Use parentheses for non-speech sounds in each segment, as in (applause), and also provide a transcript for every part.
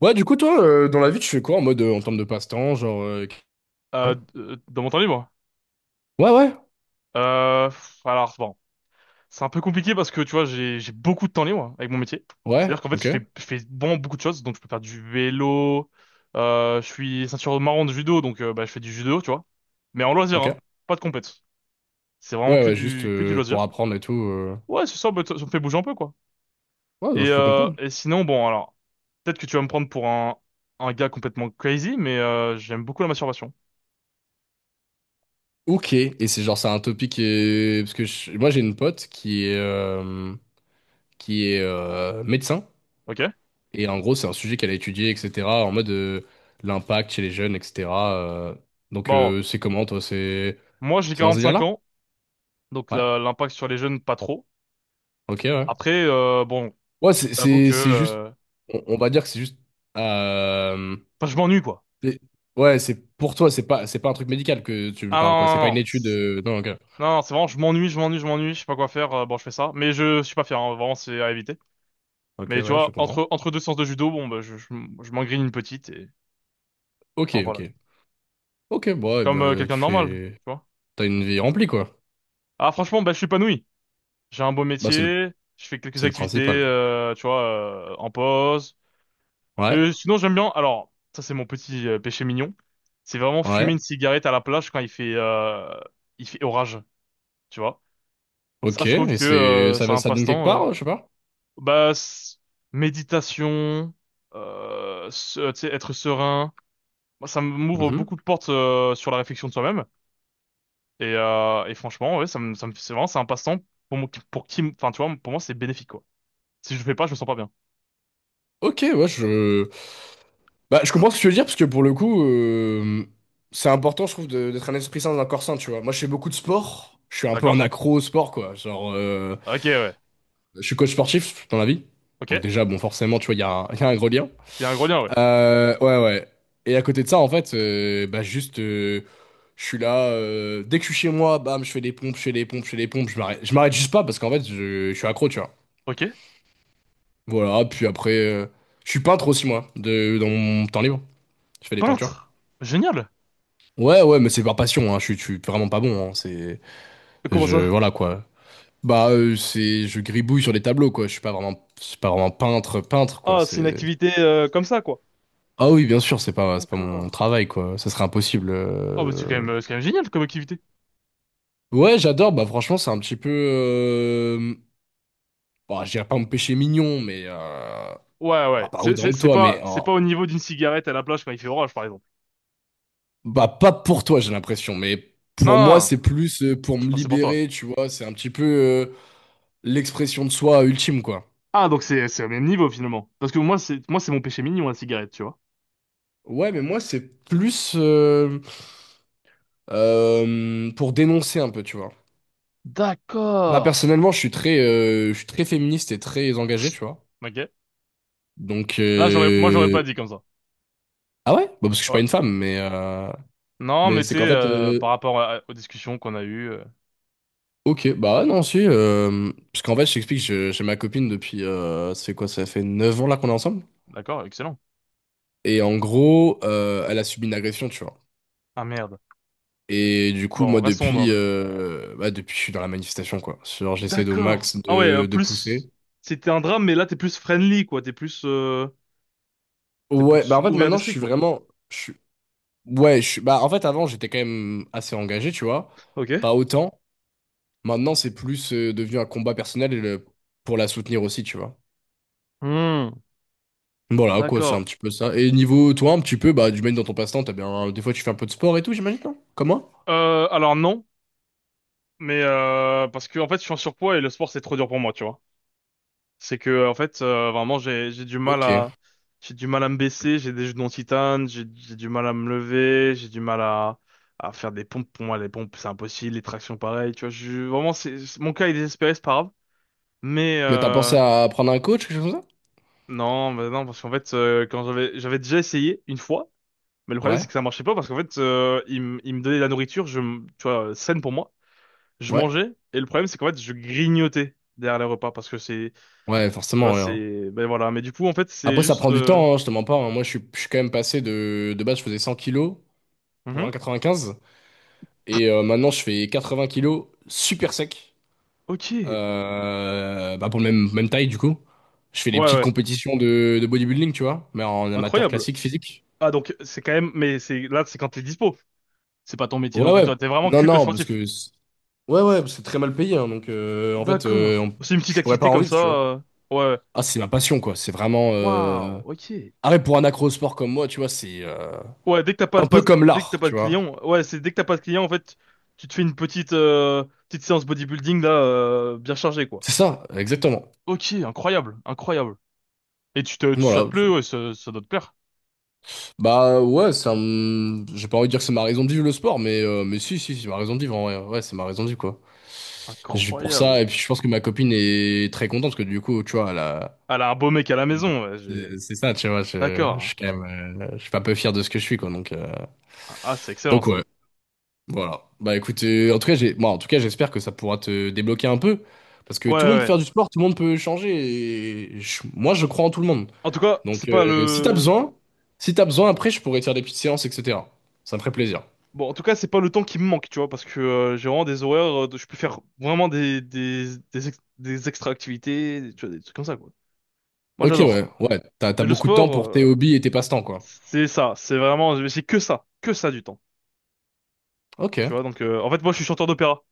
Ouais, du coup, toi, dans la vie, tu fais quoi en mode, en termes de passe-temps, genre. Ouais, Dans mon temps libre? ouais, ouais, Alors bon, c'est un peu compliqué parce que tu vois, j'ai beaucoup de temps libre avec mon métier. ouais, C'est-à-dire qu'en fait, ok, je fais vraiment beaucoup de choses. Donc, je peux faire du vélo. Je suis ceinture marron de judo, donc bah, je fais du judo, tu vois. Mais en loisir, hein, ok. pas de compète. C'est vraiment Ouais, que ouais, juste du que du pour loisir. apprendre et tout. Ouais, c'est ça. Bah, ça me fait bouger un peu, quoi. Ouais, donc Et je peux euh, comprendre. et sinon, bon, alors peut-être que tu vas me prendre pour un gars complètement crazy, mais j'aime beaucoup la masturbation. Ok, et c'est genre, c'est un topic qui est. Parce que moi, j'ai une pote qui est médecin, Ok? et en gros, c'est un sujet qu'elle a étudié, etc., en mode l'impact chez les jeunes, etc. euh. Donc, Bon, c'est comment, toi? C'est moi j'ai c'est dans ce 45 délire-là? ans, donc Ouais, l'impact sur les jeunes pas trop. ok, ouais. Après, bon, Ouais, je t'avoue que... c'est juste. On va dire que c'est juste. euh, Enfin, je m'ennuie, quoi. C'est- Ouais, c'est pour toi, c'est pas un truc médical que tu me Ah non, parles, quoi. non, C'est pas non. une Non, étude. c'est Non, ok. non, c'est vraiment, je m'ennuie, je m'ennuie, je m'ennuie, je sais pas quoi faire, bon, je fais ça. Mais je suis pas fier, hein, vraiment, c'est à éviter. Ok, Mais tu ouais, je vois, comprends. Entre deux séances de judo, bon, bah, je m'engrine une petite et... Ok, Enfin, ok. voilà. Ok, bon, ouais, Comme bah, quelqu'un tu de normal, tu fais. vois. T'as une vie remplie, quoi. Ah, franchement, bah, je suis épanoui. J'ai un beau Bah, c'est le, métier, je fais quelques c'est le activités, principal. Tu vois, en pause. Ouais, Sinon, j'aime bien... Alors, ça, c'est mon petit péché mignon. C'est vraiment ouais. fumer une cigarette à la plage quand il fait orage, tu vois. Ça, Ok, je trouve et que c'est, ça, c'est un ça donne quelque passe-temps. Part, je sais pas. Bah, méditation, tu sais, être serein. Moi, ça m'ouvre Mhm. beaucoup de portes sur la réflexion de soi-même. Et franchement, ouais, c'est vraiment, c'est un passe-temps pour moi, enfin, tu vois, pour moi, c'est bénéfique, quoi. Si je le fais pas, je me sens pas bien. Ok, ouais, je. Bah, je comprends ce que tu veux dire, parce que pour le coup, c'est important, je trouve, d'être un esprit sain dans un corps sain, tu vois. Moi, je fais beaucoup de sport. Je suis un peu un D'accord? accro au sport, quoi. Genre. Ok, ouais. Je suis coach sportif dans la vie. Ok. Donc Il déjà, bon, forcément, tu vois, il y a un, (laughs) il y a un gros lien. y a un gros lien, ouais. Ouais, ouais. Et à côté de ça, en fait, bah juste, je suis là. Dès que je suis chez moi, bam, je fais des pompes, je fais des pompes, je fais des pompes. Je m'arrête juste pas parce qu'en fait, je suis accro, tu vois. Ok. Voilà. Puis après, je suis peintre aussi moi, dans mon temps libre. Je fais des peintures. Peintre. Génial. Ouais, ouais, mais c'est par passion. Hein. Je suis vraiment pas bon. Hein. C'est, Comment je, ça? voilà quoi. Bah, c'est, je gribouille sur des tableaux quoi. Je suis pas vraiment peintre, peintre quoi. Ah, c'est une C'est. activité comme ça, quoi. Ah oui, bien sûr, c'est pas D'accord. mon travail, quoi. Ça serait impossible. Ah, bah, c'est quand même génial comme activité. Ouais, j'adore. Bah, franchement, c'est un petit peu. Bah, je dirais pas me péché mignon, mais. Ouais, Bah, ouais. pas autant que toi, mais. C'est pas au niveau d'une cigarette à la plage quand il fait orage, par exemple. Bah, pas pour toi, j'ai l'impression. Mais Non, pour non, moi, non. c'est plus pour Je me pensais pour toi. libérer, tu vois. C'est un petit peu l'expression de soi ultime, quoi. Ah, donc c'est au même niveau, finalement. Parce que moi, c'est mon péché mignon, la cigarette, tu vois. Ouais, mais moi, c'est plus pour dénoncer un peu, tu vois. Bah, D'accord. personnellement, je suis très féministe et très engagé, tu vois. Ok. Donc. Là, moi, j'aurais pas dit comme ça. Ah ouais? Bah parce que je suis Ouais. pas une femme, Non, mais mais tu c'est qu'en sais, fait. Par rapport aux discussions qu'on a eues, Ok, bah ouais, non, si. Parce qu'en fait, je t'explique, je- j'ai ma copine depuis. Ça fait quoi? Ça fait 9 ans là qu'on est ensemble. d'accord, excellent. Et en gros, elle a subi une agression, tu vois. Ah merde. Et du coup, Bon, moi, restons dans depuis. le. Bah, depuis, je suis dans la manifestation, quoi. Genre, j'essaie au D'accord. max Ah ouais, de plus. pousser. C'était un drame, mais là, t'es plus friendly, quoi. T'es Ouais, bah plus en fait, ouvert maintenant, je d'esprit, suis quoi. vraiment. Je suis. Ouais, je suis. Bah en fait, avant, j'étais quand même assez engagé, tu vois. Ok. Pas autant. Maintenant, c'est plus devenu un combat personnel et pour la soutenir aussi, tu vois. Hmm. Voilà, quoi, c'est un D'accord. petit peu ça. Et niveau toi, un petit peu, bah, du même dans ton passe-temps, t'as bien. Des fois, tu fais un peu de sport et tout, j'imagine, non? Comme moi? Alors non. Mais parce que en fait, je suis en surpoids et le sport c'est trop dur pour moi, tu vois. C'est que en fait, vraiment, j'ai du mal Ok. à j'ai du mal à me baisser, j'ai des genoux en titane, j'ai du mal à me lever, j'ai du mal à faire des pompes. Pour moi, les pompes c'est impossible, les tractions pareil, tu vois. Je, vraiment, mon cas est désespéré, c'est pas grave. Mais Mais t'as pensé à prendre un coach, quelque chose comme ça? non, bah non, parce qu'en fait, quand j'avais déjà essayé une fois, mais le problème Ouais. c'est que ça marchait pas parce qu'en fait, il me donnait de la nourriture, tu vois, saine pour moi. Je Ouais. mangeais et le problème c'est qu'en fait je grignotais derrière les repas parce que c'est tu Ouais, vois forcément, ouais. Hein. c'est ben voilà mais du coup en fait c'est Après, ça juste prend du temps, hein, je te mens pas. Hein. Moi, je suis quand même passé de. De base, je faisais 100 kilos pour un mhm. 95. Et maintenant, je fais 80 kilos super sec. Ok, ouais, Bah, pour le même, même taille, du coup. Je fais des petites ouais, compétitions de bodybuilding, tu vois, mais en amateur incroyable. classique, physique. Ah donc c'est quand même mais c'est quand t'es dispo. C'est pas ton métier Ouais, non plus, ouais. toi t'es vraiment Non, que coach non, parce sportif. que ouais, ouais, c'est très mal payé, hein, donc en fait, D'accord, c'est une petite je pourrais pas activité en comme vivre, ça, tu vois. Ouais, Ah, c'est ma passion, quoi. C'est vraiment. waouh, ok. Arrête, pour un accro-sport comme moi, tu vois, c'est Ouais, un peu comme dès que t'as l'art, pas de tu vois. clients, ouais, c'est dès que t'as pas de clients en fait tu te fais une petite petite séance bodybuilding là bien chargée, quoi. C'est ça, exactement. Ok, incroyable, incroyable. Et ça te Voilà. plaît, ouais, ça doit te plaire. Bah ouais, c'est un. J'ai pas envie de dire que c'est ma raison de vivre le sport, mais si, si, c'est ma raison de vivre en vrai. Ouais, c'est ma raison de vivre, quoi. Je vis pour ça, Incroyable. et puis je pense que ma copine est très contente, parce que du coup, tu vois, Elle a un beau mec à la maison, ouais, j'ai... c'est ça, tu vois, je D'accord. Hein. suis quand même, je suis pas peu fier de ce que je suis, quoi, Ah, c'est excellent, donc ça. ouais. Voilà. Bah écoute, en tout cas, moi, en tout cas, j'espère que ça pourra te débloquer un peu, parce que Ouais, ouais, tout le monde peut ouais. faire du sport, tout le monde peut changer. Et moi, je crois en tout le monde. En tout cas, c'est Donc, pas si t'as le... besoin, après, je pourrais te faire des petites séances, etc. Ça me ferait plaisir. Bon, en tout cas, c'est pas le temps qui me manque, tu vois, parce que j'ai vraiment des horaires, je peux faire vraiment des extra-activités, tu vois, des trucs comme ça, quoi. Moi, Ok, j'adore. ouais, ouais. T'as Mais le beaucoup de temps sport, pour tes hobbies et tes passe-temps, quoi. c'est ça, c'est vraiment, c'est que ça du temps, tu Ok. vois. Donc, en fait, moi, je suis chanteur d'opéra.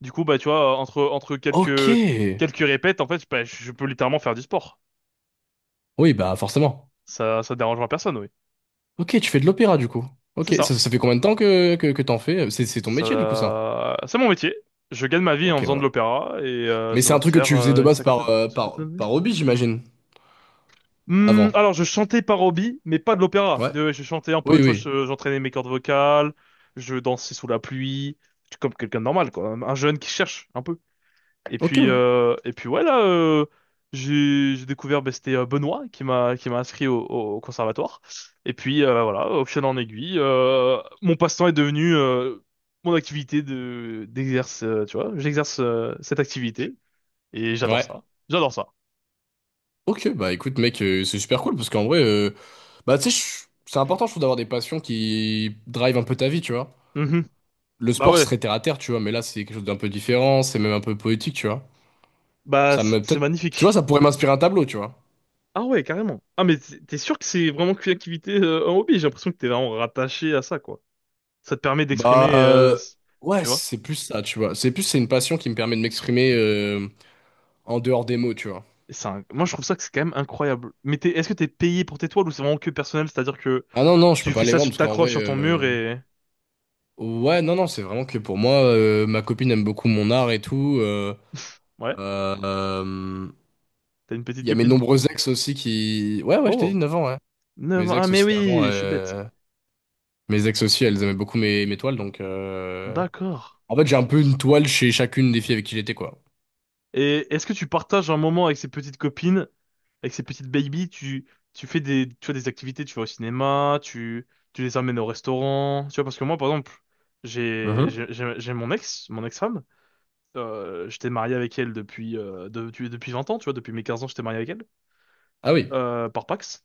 Du coup, bah, tu vois, entre Ok. quelques, quelques répètes, en fait, bah, je peux littéralement faire du sport. Oui, bah forcément. Ça dérangera personne, oui. Ok, tu fais de l'opéra du coup. C'est Ok, ça. ça fait combien de temps que t'en fais? C'est ton métier du coup, ça. Ça, c'est mon métier. Je gagne ma vie en Ok, faisant de ouais. l'opéra et Mais ça c'est un doit truc que faire tu faisais de une base par, cinquantaine d'années. par hobby, j'imagine, Hmm, avant. alors, je chantais par hobby, mais pas de l'opéra. Ouais. Je chantais un Oui, peu, tu vois, oui. J'entraînais mes cordes vocales, je dansais sous la pluie, comme quelqu'un de normal, quoi. Un jeune qui cherche un peu. Et Ok, puis, ouais. Ouais, là, j'ai découvert, ben, c'était Benoît qui m'a inscrit au conservatoire. Et puis voilà, au fil en aiguille, mon passe-temps est devenu mon activité de d'exerce, tu vois. J'exerce cette activité et j'adore Ouais. ça. J'adore ça. Ok, bah écoute, mec, c'est super cool parce qu'en vrai, bah tu sais, c'est important, je trouve, d'avoir des passions qui drivent un peu ta vie, tu vois. Mhm. Le Bah sport ouais, serait terre à terre, tu vois, mais là, c'est quelque chose d'un peu différent, c'est même un peu poétique, tu vois. C'est Peut-être, tu vois, ça magnifique. pourrait m'inspirer un tableau, tu vois. Ah ouais, carrément. Ah mais t'es sûr que c'est vraiment qu'une activité, un hobby? J'ai l'impression que t'es vraiment rattaché à ça, quoi. Ça te permet Bah, d'exprimer, ouais, tu vois. c'est plus ça, tu vois. C'est une passion qui me permet de m'exprimer en dehors des mots, tu vois. C'est un- Moi, je trouve ça que c'est quand même incroyable. Mais est-ce que t'es payé pour tes toiles ou c'est vraiment que personnel? C'est-à-dire que Ah non, non, je peux tu pas fais les ça, vendre tu parce qu'en vrai, t'accroches sur ton mur et... ouais, non, non, c'est vraiment que pour moi, ma copine aime beaucoup mon art et tout. Ouais, Euh, euh, t'as une petite Il y a mes copine. nombreux ex aussi qui. Ouais, ouais, je t'ai dit Oh, 9 ans, ouais. 9 ans. Mes Ah, ex mais aussi d'avant, oui, je suis bête. Mes ex aussi, elles aimaient beaucoup mes toiles, donc. D'accord. En fait, j'ai un peu une toile chez chacune des filles avec qui j'étais, quoi. Et est-ce que tu partages un moment avec ces petites copines, avec ces petites babies? Tu fais tu vois, des activités, tu vas au cinéma, tu les amènes au restaurant. Tu vois, parce que moi, par exemple, j'ai, Mhm. j'ai, j'ai j'ai mon ex, mon ex-femme. J'étais marié avec elle depuis, depuis 20 ans, tu vois, depuis mes 15 ans, j'étais marié avec elle. Ah oui. Par Pax.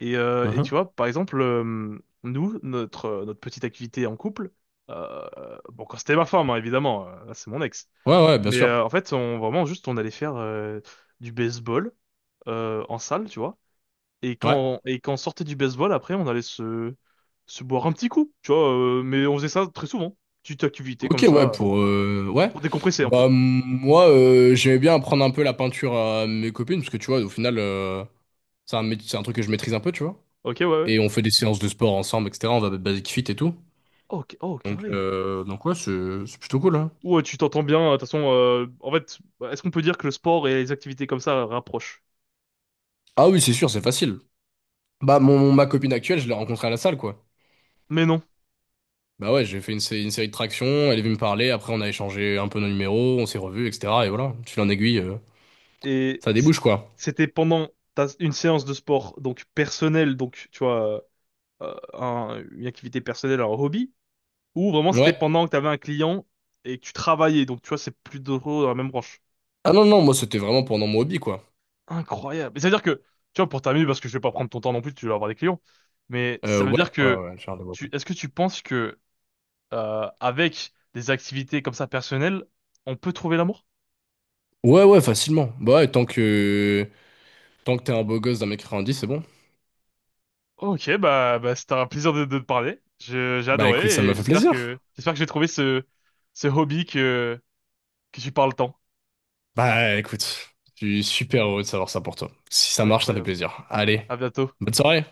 Et tu Mhm. vois, par exemple, notre petite activité en couple, euh, bon, quand c'était ma femme, hein, évidemment, là, c'est mon ex. Ouais, ouais, bien Mais sûr. En fait, on, vraiment, juste, on allait faire du baseball en salle, tu vois. Ouais. Et quand on sortait du baseball, après, on allait se boire un petit coup, tu vois. Mais on faisait ça très souvent, petite activité comme Ok, ouais, ça, pour. Ouais. pour décompresser un peu. Bah, moi, j'aimais bien apprendre un peu la peinture à mes copines, parce que, tu vois, au final, c'est un truc que je maîtrise un peu, tu vois. Ok, ouais, ouais. Et on fait des séances de sport ensemble, etc. On va à Basic Fit et tout. Oh, oh, carré. Donc ouais, c'est plutôt cool, hein. Ouais, tu t'entends bien. De toute façon, en fait, est-ce qu'on peut dire que le sport et les activités comme ça rapprochent? Ah oui, c'est sûr, c'est facile. Bah, ma copine actuelle, je l'ai rencontrée à la salle, quoi. Mais non. Bah ouais, j'ai fait une série de tractions, elle est venue me parler, après on a échangé un peu nos numéros, on s'est revus, etc. Et voilà, tu fil en aiguille, Et ça c'est- débouche, quoi. c'était pendant une séance de sport, donc personnelle, donc tu vois, une activité personnelle, un hobby, ou vraiment c'était Ouais. pendant que t'avais un client et que tu travaillais. Donc tu vois, c'est plus drôle dans la même branche. Ah non, non, moi c'était vraiment pendant mon hobby, quoi. Incroyable. Et ça veut dire que, tu vois, pour terminer, parce que je vais pas prendre ton temps non plus, tu vas avoir des clients. Mais ça veut dire Ouais, ouais, que, ouais, Charles de Gaulle, quoi. est-ce que tu penses que avec des activités comme ça personnelles, on peut trouver l'amour? Ouais, ouais, facilement. Bah ouais, tant que t'es un beau gosse d'1,10 m, c'est bon. Ok, bah c'était un plaisir de te parler. J'ai Bah écoute, ça adoré et m'a fait plaisir. j'espère que j'ai trouvé ce hobby que tu parles tant. Bah écoute, je suis super heureux de savoir ça pour toi. Si ça marche, ça me fait Incroyable. plaisir. Allez, À bientôt. bonne soirée.